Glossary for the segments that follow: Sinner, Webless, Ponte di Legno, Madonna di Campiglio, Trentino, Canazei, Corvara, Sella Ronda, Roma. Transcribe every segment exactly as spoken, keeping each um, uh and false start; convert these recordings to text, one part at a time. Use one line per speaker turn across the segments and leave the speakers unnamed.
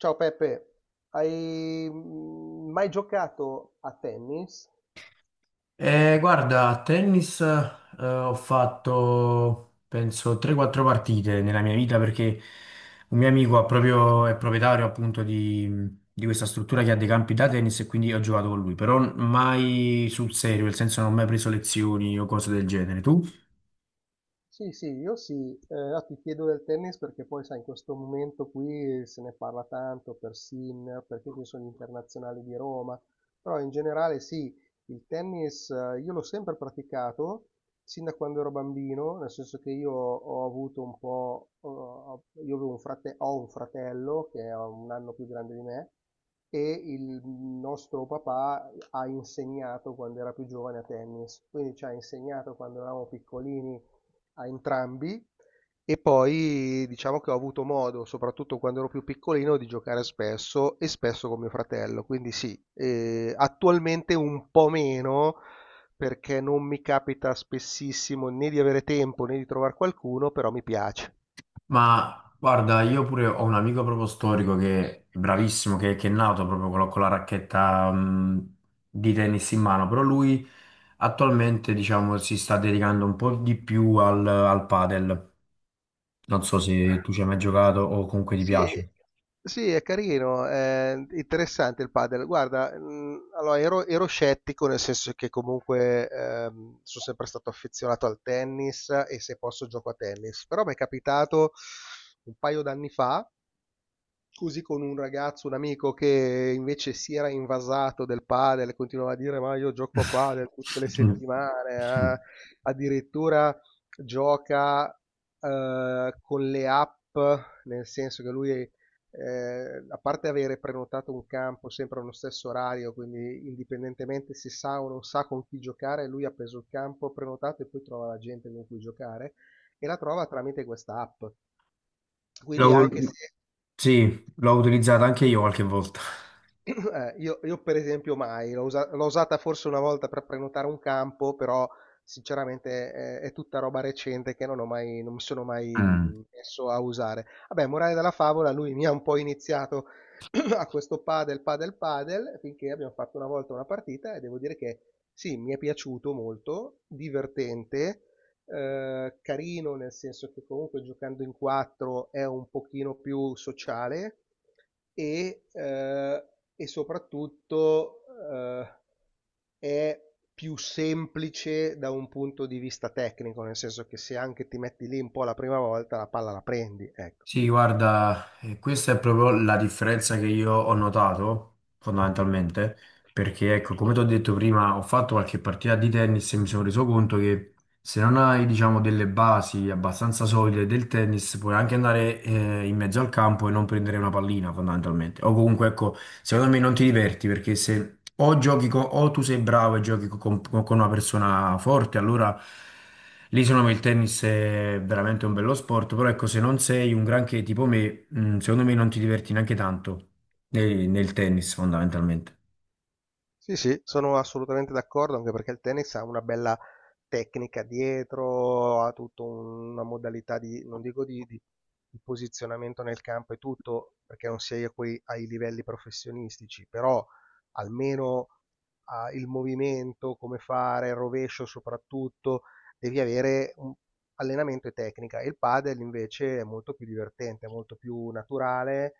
Ciao Peppe, hai mm, mai giocato a tennis?
Eh, guarda, a tennis, eh, ho fatto penso tre quattro partite nella mia vita perché un mio amico ha proprio- è proprietario appunto di, di questa struttura che ha dei campi da tennis e quindi ho giocato con lui, però mai sul serio, nel senso non ho mai preso lezioni o cose del genere. Tu?
Sì, sì, io sì. Eh, no, ti chiedo del tennis perché poi, sai, in questo momento qui se ne parla tanto per Sinner, perché ci sono gli internazionali di Roma, però in generale sì, il tennis eh, io l'ho sempre praticato sin da quando ero bambino, nel senso che io ho avuto un po', eh, io avevo un frate- ho un fratello che è un anno più grande di me e il nostro papà ha insegnato quando era più giovane a tennis, quindi ci ha insegnato quando eravamo piccolini a entrambi. E poi diciamo che ho avuto modo, soprattutto quando ero più piccolino, di giocare spesso e spesso con mio fratello, quindi sì, eh, attualmente un po' meno, perché non mi capita spessissimo né di avere tempo né di trovare qualcuno, però mi piace.
Ma guarda, io pure ho un amico proprio storico che è bravissimo, che, che è nato proprio con la, con la racchetta mh, di tennis in mano, però lui attualmente diciamo si sta dedicando un po' di più al, al padel. Non so se tu ci hai mai giocato o comunque ti
Sì,
piace.
sì, è carino, è interessante il padel. Guarda, mh, allora ero, ero scettico, nel senso che comunque ehm, sono sempre stato affezionato al tennis e se posso gioco a tennis, però mi è capitato un paio d'anni fa così con un ragazzo, un amico che invece si era invasato del padel, continuava a dire ma io gioco a padel tutte le settimane, eh."
Mm.
Addirittura gioca eh, con le app, nel senso che lui, eh, a parte avere prenotato un campo sempre allo stesso orario, quindi indipendentemente se sa o non sa con chi giocare, lui ha preso il campo prenotato e poi trova la gente con cui giocare, e la trova tramite questa app. Quindi
L'ho-
anche se.
Sì, l'ho utilizzato anche io qualche volta.
Eh, io, io per esempio mai, l'ho usa- l'ho usata forse una volta per prenotare un campo, però sinceramente eh, è, tutta roba recente che non ho mai, non mi sono mai mh, messo a usare. Vabbè, morale della favola, lui mi ha un po' iniziato a questo padel, padel, padel, finché abbiamo fatto una volta una partita e devo dire che sì, mi è piaciuto molto, divertente, eh, carino, nel senso che comunque giocando in quattro è un pochino più sociale e, eh, e soprattutto eh, è più semplice da un punto di vista tecnico, nel senso che se anche ti metti lì un po' la prima volta, la palla la prendi, ecco.
Sì, guarda, eh, questa è proprio la differenza che io ho notato fondamentalmente, perché ecco, come ti ho detto prima, ho fatto qualche partita di tennis e mi sono reso conto che se non hai, diciamo, delle basi abbastanza solide del tennis, puoi anche andare eh, in mezzo al campo e non prendere una pallina, fondamentalmente. O comunque, ecco, secondo me non ti diverti perché se o giochi co- o tu sei bravo e giochi co- con, con una persona forte, allora lì secondo me il tennis è veramente un bello sport. Però ecco, se non sei un granché tipo me, mm, secondo me non ti diverti neanche tanto nel nel tennis, fondamentalmente.
Sì, sì, sono assolutamente d'accordo, anche perché il tennis ha una bella tecnica dietro, ha tutta un- una modalità di, non dico di, di- di posizionamento nel campo e tutto, perché non sei a quei, ai livelli professionistici, però almeno ah, il movimento, come fare, il rovescio soprattutto, devi avere un allenamento e tecnica. Il padel invece è molto più divertente, è molto più naturale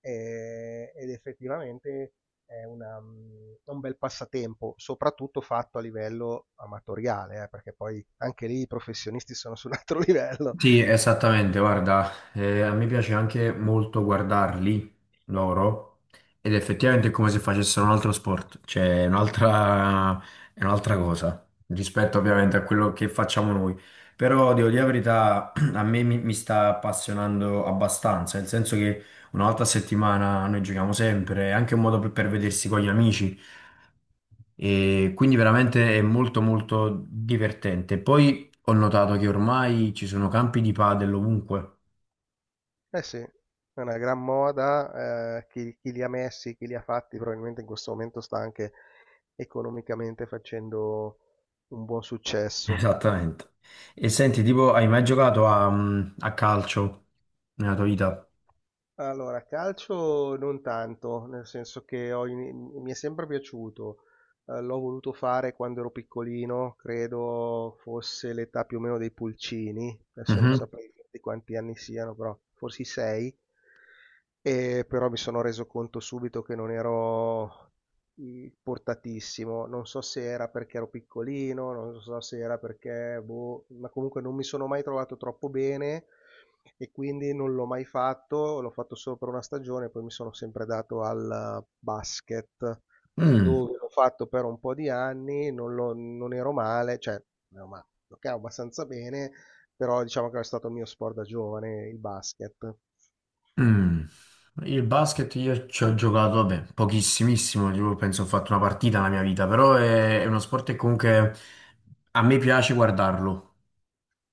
eh, ed effettivamente è una, mm, un bel passatempo, soprattutto fatto a livello amatoriale, eh, perché poi anche lì i professionisti sono su un altro livello.
Sì, esattamente, guarda, eh, a me piace anche molto guardarli loro ed effettivamente è come se facessero un altro sport, cioè è un'altra è un'altra cosa rispetto ovviamente a quello che facciamo noi, però devo dire la verità, a me mi, mi sta appassionando abbastanza, nel senso che una volta a settimana noi giochiamo sempre, è anche un modo per per vedersi con gli amici. E quindi veramente è molto molto divertente. Poi ho notato che ormai ci sono campi di padel ovunque.
Eh sì, è una gran moda, eh, chi, chi li ha messi, chi li ha fatti, probabilmente in questo momento sta anche economicamente facendo un buon successo.
Esattamente. E senti, tipo, hai mai giocato a, mm, a calcio nella tua vita?
Allora, calcio non tanto, nel senso che ho in- mi è sempre piaciuto. Eh, l'ho voluto fare quando ero piccolino, credo fosse l'età più o meno dei pulcini, adesso non
Mhm.
saprei di quanti anni siano, però forse sei. E però mi sono reso conto subito che non ero mhmm, portatissimo. Non so se era perché ero piccolino, non so se era perché boh, ma comunque non mi sono mai trovato troppo bene, e quindi non l'ho mai fatto, l'ho fatto solo per una stagione, poi mi sono sempre dato al basket,
Mm,
dove l'ho fatto per un po' di anni, non l'ho- non ero male, cioè, non ero male, giocavo abbastanza bene, però diciamo che è stato il mio sport da giovane, il basket.
mm. Il basket io ci ho giocato, vabbè, pochissimissimo, tipo, penso ho fatto una partita nella mia vita, però è, è uno sport che comunque a me piace guardarlo.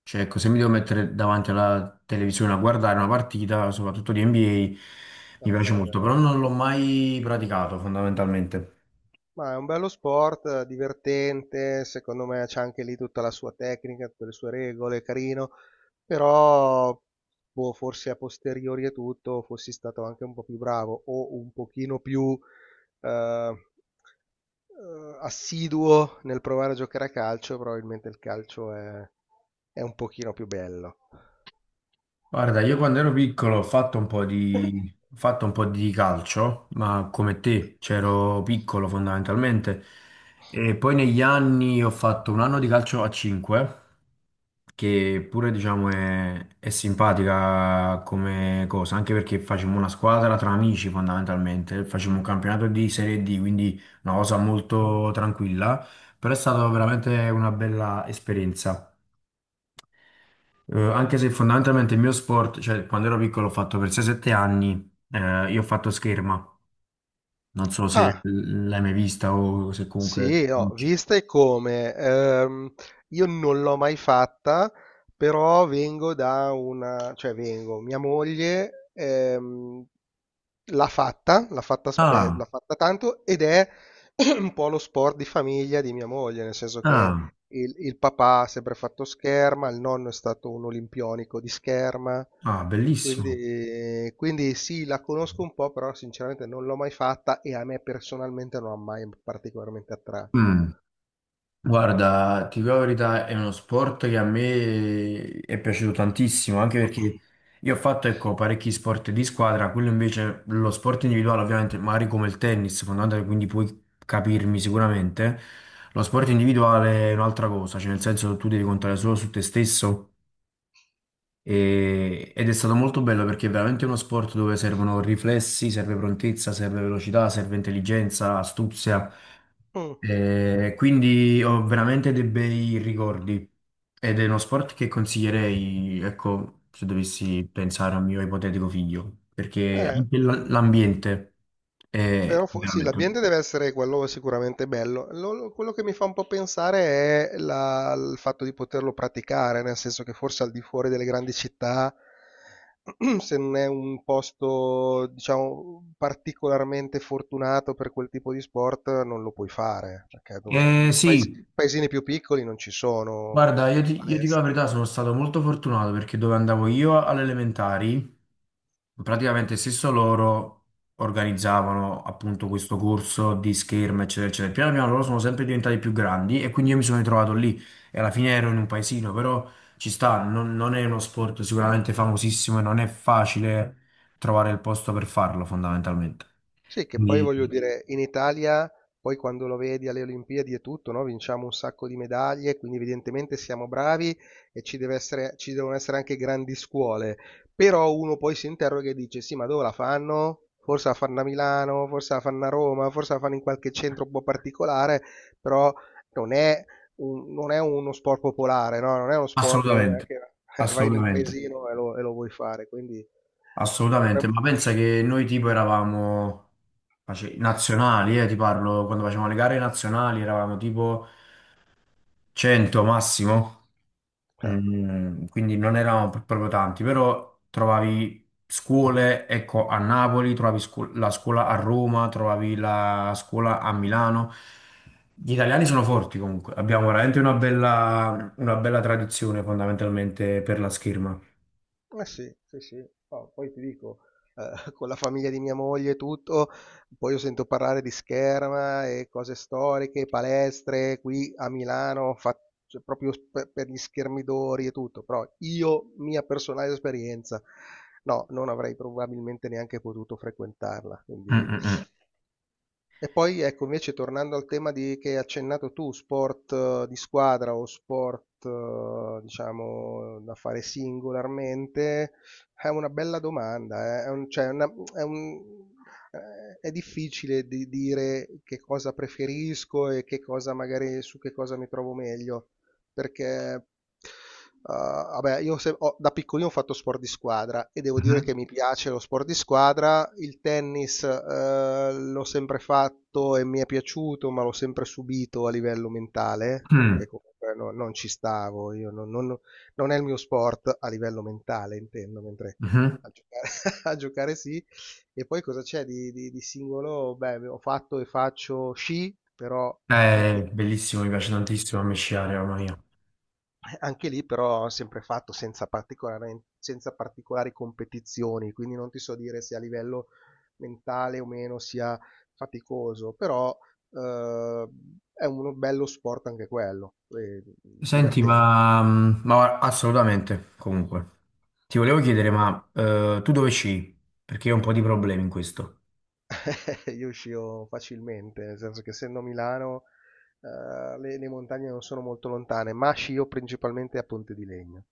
Cioè, ecco, se mi devo mettere davanti alla televisione a guardare una partita, soprattutto di N B A, mi
Ah,
piace
vabbè.
molto, però non l'ho mai praticato fondamentalmente.
Ma è un bello sport, eh, divertente, secondo me c'è anche lì tutta la sua tecnica, tutte le sue regole, carino, però boh, forse a posteriori e tutto fossi stato anche un po' più bravo o un pochino più eh, eh, assiduo nel provare a giocare a calcio, probabilmente il calcio è, è un pochino più bello.
Guarda, io quando ero piccolo ho fatto un po' di, ho fatto un po' di calcio, ma come te, c'ero piccolo fondamentalmente. E poi negli anni ho fatto un anno di calcio a cinque, che pure diciamo è, è simpatica come cosa, anche perché facevamo una squadra tra amici fondamentalmente, facevamo un campionato di Serie D, quindi una cosa molto tranquilla, però è stata veramente una bella esperienza. Eh, anche se fondamentalmente il mio sport, cioè quando ero piccolo ho fatto per sei sette anni, eh, io ho fatto scherma, non so se
Ah,
l- l'hai mai vista o se comunque...
sì, ho
conosci.
viste come, ehm, io non l'ho mai fatta, però vengo da una, cioè vengo, mia moglie ehm, l'ha fatta, l'ha fatta, spe-
Ah,
l'ha fatta tanto ed è un po' lo sport di famiglia di mia moglie, nel senso che
ah,
il, il papà ha sempre fatto scherma, il nonno è stato un olimpionico di scherma,
ah, bellissimo.
quindi, quindi sì, la conosco un po', però sinceramente non l'ho mai fatta e a me personalmente non ha mai particolarmente attratto.
Mm. Guarda, ti dico la verità, è uno sport che a me è piaciuto tantissimo, anche perché io ho fatto, ecco, parecchi sport di squadra, quello invece, lo sport individuale ovviamente, magari come il tennis, fondamentalmente, quindi puoi capirmi sicuramente, lo sport individuale è un'altra cosa, cioè nel senso tu devi contare solo su te stesso e- ed è stato molto bello perché è veramente uno sport dove servono riflessi, serve prontezza, serve velocità, serve intelligenza, astuzia.
Mm.
E quindi ho veramente dei bei ricordi ed è uno sport che consiglierei, ecco, se dovessi pensare a un mio ipotetico figlio, perché
Eh,
anche l- l'ambiente
però
è
fo- sì,
veramente...
l'ambiente deve essere quello sicuramente bello. Lo- lo- quello che mi fa un po' pensare è la- il fatto di poterlo praticare, nel senso che forse al di fuori delle grandi città, se non è un posto, diciamo, particolarmente fortunato per quel tipo di sport, non lo puoi fare, perché dov-
Eh,
paesi-
sì.
paesini più piccoli non ci sono
Guarda, io ti, io dico la
palestre.
verità, sono stato molto fortunato perché dove andavo io alle elementari, praticamente stesso loro organizzavano appunto questo corso di scherma, eccetera, eccetera. Piano piano loro sono sempre diventati più grandi e quindi io mi sono ritrovato lì e alla fine ero in un paesino, però ci sta, non, non è uno sport sicuramente famosissimo e non è facile trovare il posto per farlo fondamentalmente.
Sì, che poi
Quindi,
voglio dire, in Italia, poi quando lo vedi alle Olimpiadi e tutto, no? Vinciamo un sacco di medaglie, quindi evidentemente siamo bravi e ci deve essere- ci devono essere anche grandi scuole. Però uno poi si interroga e dice, sì, ma dove la fanno? Forse la fanno a Milano, forse la fanno a Roma, forse la fanno in qualche centro un po' particolare, però non è, un- non è uno sport popolare, no? Non è uno sport dove
assolutamente,
anche vai nel
assolutamente.
paesino e lo, e lo vuoi fare, quindi.
Assolutamente,
potremmo-
ma pensa che noi tipo eravamo face- nazionali, eh, ti parlo, quando facevamo le gare nazionali eravamo tipo cento massimo.
Eh.
Mm, quindi non eravamo pr- proprio tanti, però trovavi scuole, ecco, a Napoli, trovavi scu- la scuola a Roma, trovavi la scuola a Milano. Gli italiani sono forti comunque, abbiamo veramente una bella, una bella tradizione fondamentalmente per la scherma.
Eh sì, sì, sì. No, poi ti dico, eh, con la famiglia di mia moglie e tutto, poi io sento parlare di scherma e cose storiche, palestre qui a Milano, fa- cioè, proprio per, per, gli schermidori e tutto, però io, mia personale esperienza, no, non avrei probabilmente neanche potuto frequentarla,
Mm,
quindi.
mm, mm.
E poi ecco, invece tornando al tema di che hai accennato tu, sport eh, di squadra o sport, eh, diciamo, da fare singolarmente, è una bella domanda, eh. È un- cioè, una- è un- eh, è difficile di dire che cosa preferisco e che cosa magari su che cosa mi trovo meglio, perché Uh, vabbè, io se- ho- da piccolino ho fatto sport di squadra e devo dire
Mhm.
che mi piace lo sport di squadra. Il tennis, eh, l'ho sempre fatto e mi è piaciuto, ma l'ho sempre subito a livello mentale,
Mm.
perché comunque no- non ci stavo, io non, non- non è il mio sport a livello mentale, intendo, mentre
Mhm.
a giocare, a giocare sì. E poi cosa c'è di, di- di singolo? Beh, ho fatto e faccio sci, però anche
Eh, bellissimo, mi piace tantissimo a me sciare, mamma
lì.
mia.
Eh, anche lì però ho sempre fatto senza particolaren senza particolari competizioni, quindi non ti so dire se a livello mentale o meno sia faticoso, però, uhm, è uno bello sport anche quello, e
Senti,
diverten
ma, mm, ma assolutamente, comunque. Ti volevo chiedere, ma eh, tu dove sci? Perché io ho un po' di problemi in questo.
Io uscivo facilmente, nel senso che essendo a Milano, uhm, le le montagne non sono molto lontane, ma scio principalmente a Ponte di Legno.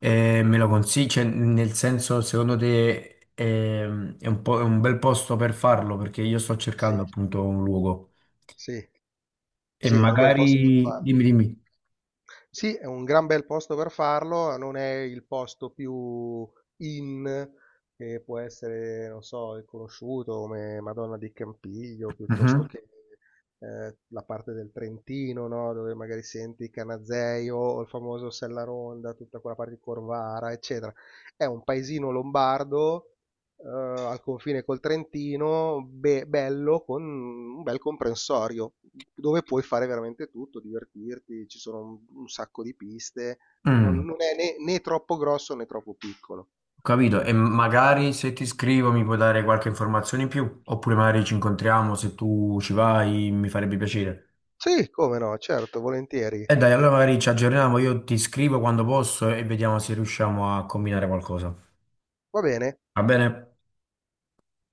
E me lo consigli? Cioè, nel senso, secondo te ehm, è, un po', è un bel posto per farlo? Perché io sto
Sì,
cercando appunto un luogo.
sì.
E
Sì, è un bel posto per
magari...
farlo.
Dimmi, dimmi.
Sì, è un gran bel posto per farlo, non è il posto più in che può essere, non so, conosciuto come Madonna di Campiglio, piuttosto
Mhm.
che eh, la parte del Trentino, no? Dove magari senti il Canazei o il famoso Sella Ronda, tutta quella parte di Corvara, eccetera. È un paesino lombardo eh, al confine col Trentino, be- bello, con un bel comprensorio, dove puoi fare veramente tutto, divertirti, ci sono un, un sacco di piste, non,
Mm.
non è né, né troppo grosso né troppo piccolo.
Capito? E magari se ti scrivo mi puoi dare qualche informazione in più, oppure magari ci incontriamo, se tu ci vai mi farebbe piacere.
Sì, come no, certo, volentieri.
E dai, allora magari ci aggiorniamo, io ti scrivo quando posso e vediamo se riusciamo a combinare qualcosa.
Va bene.
Va bene?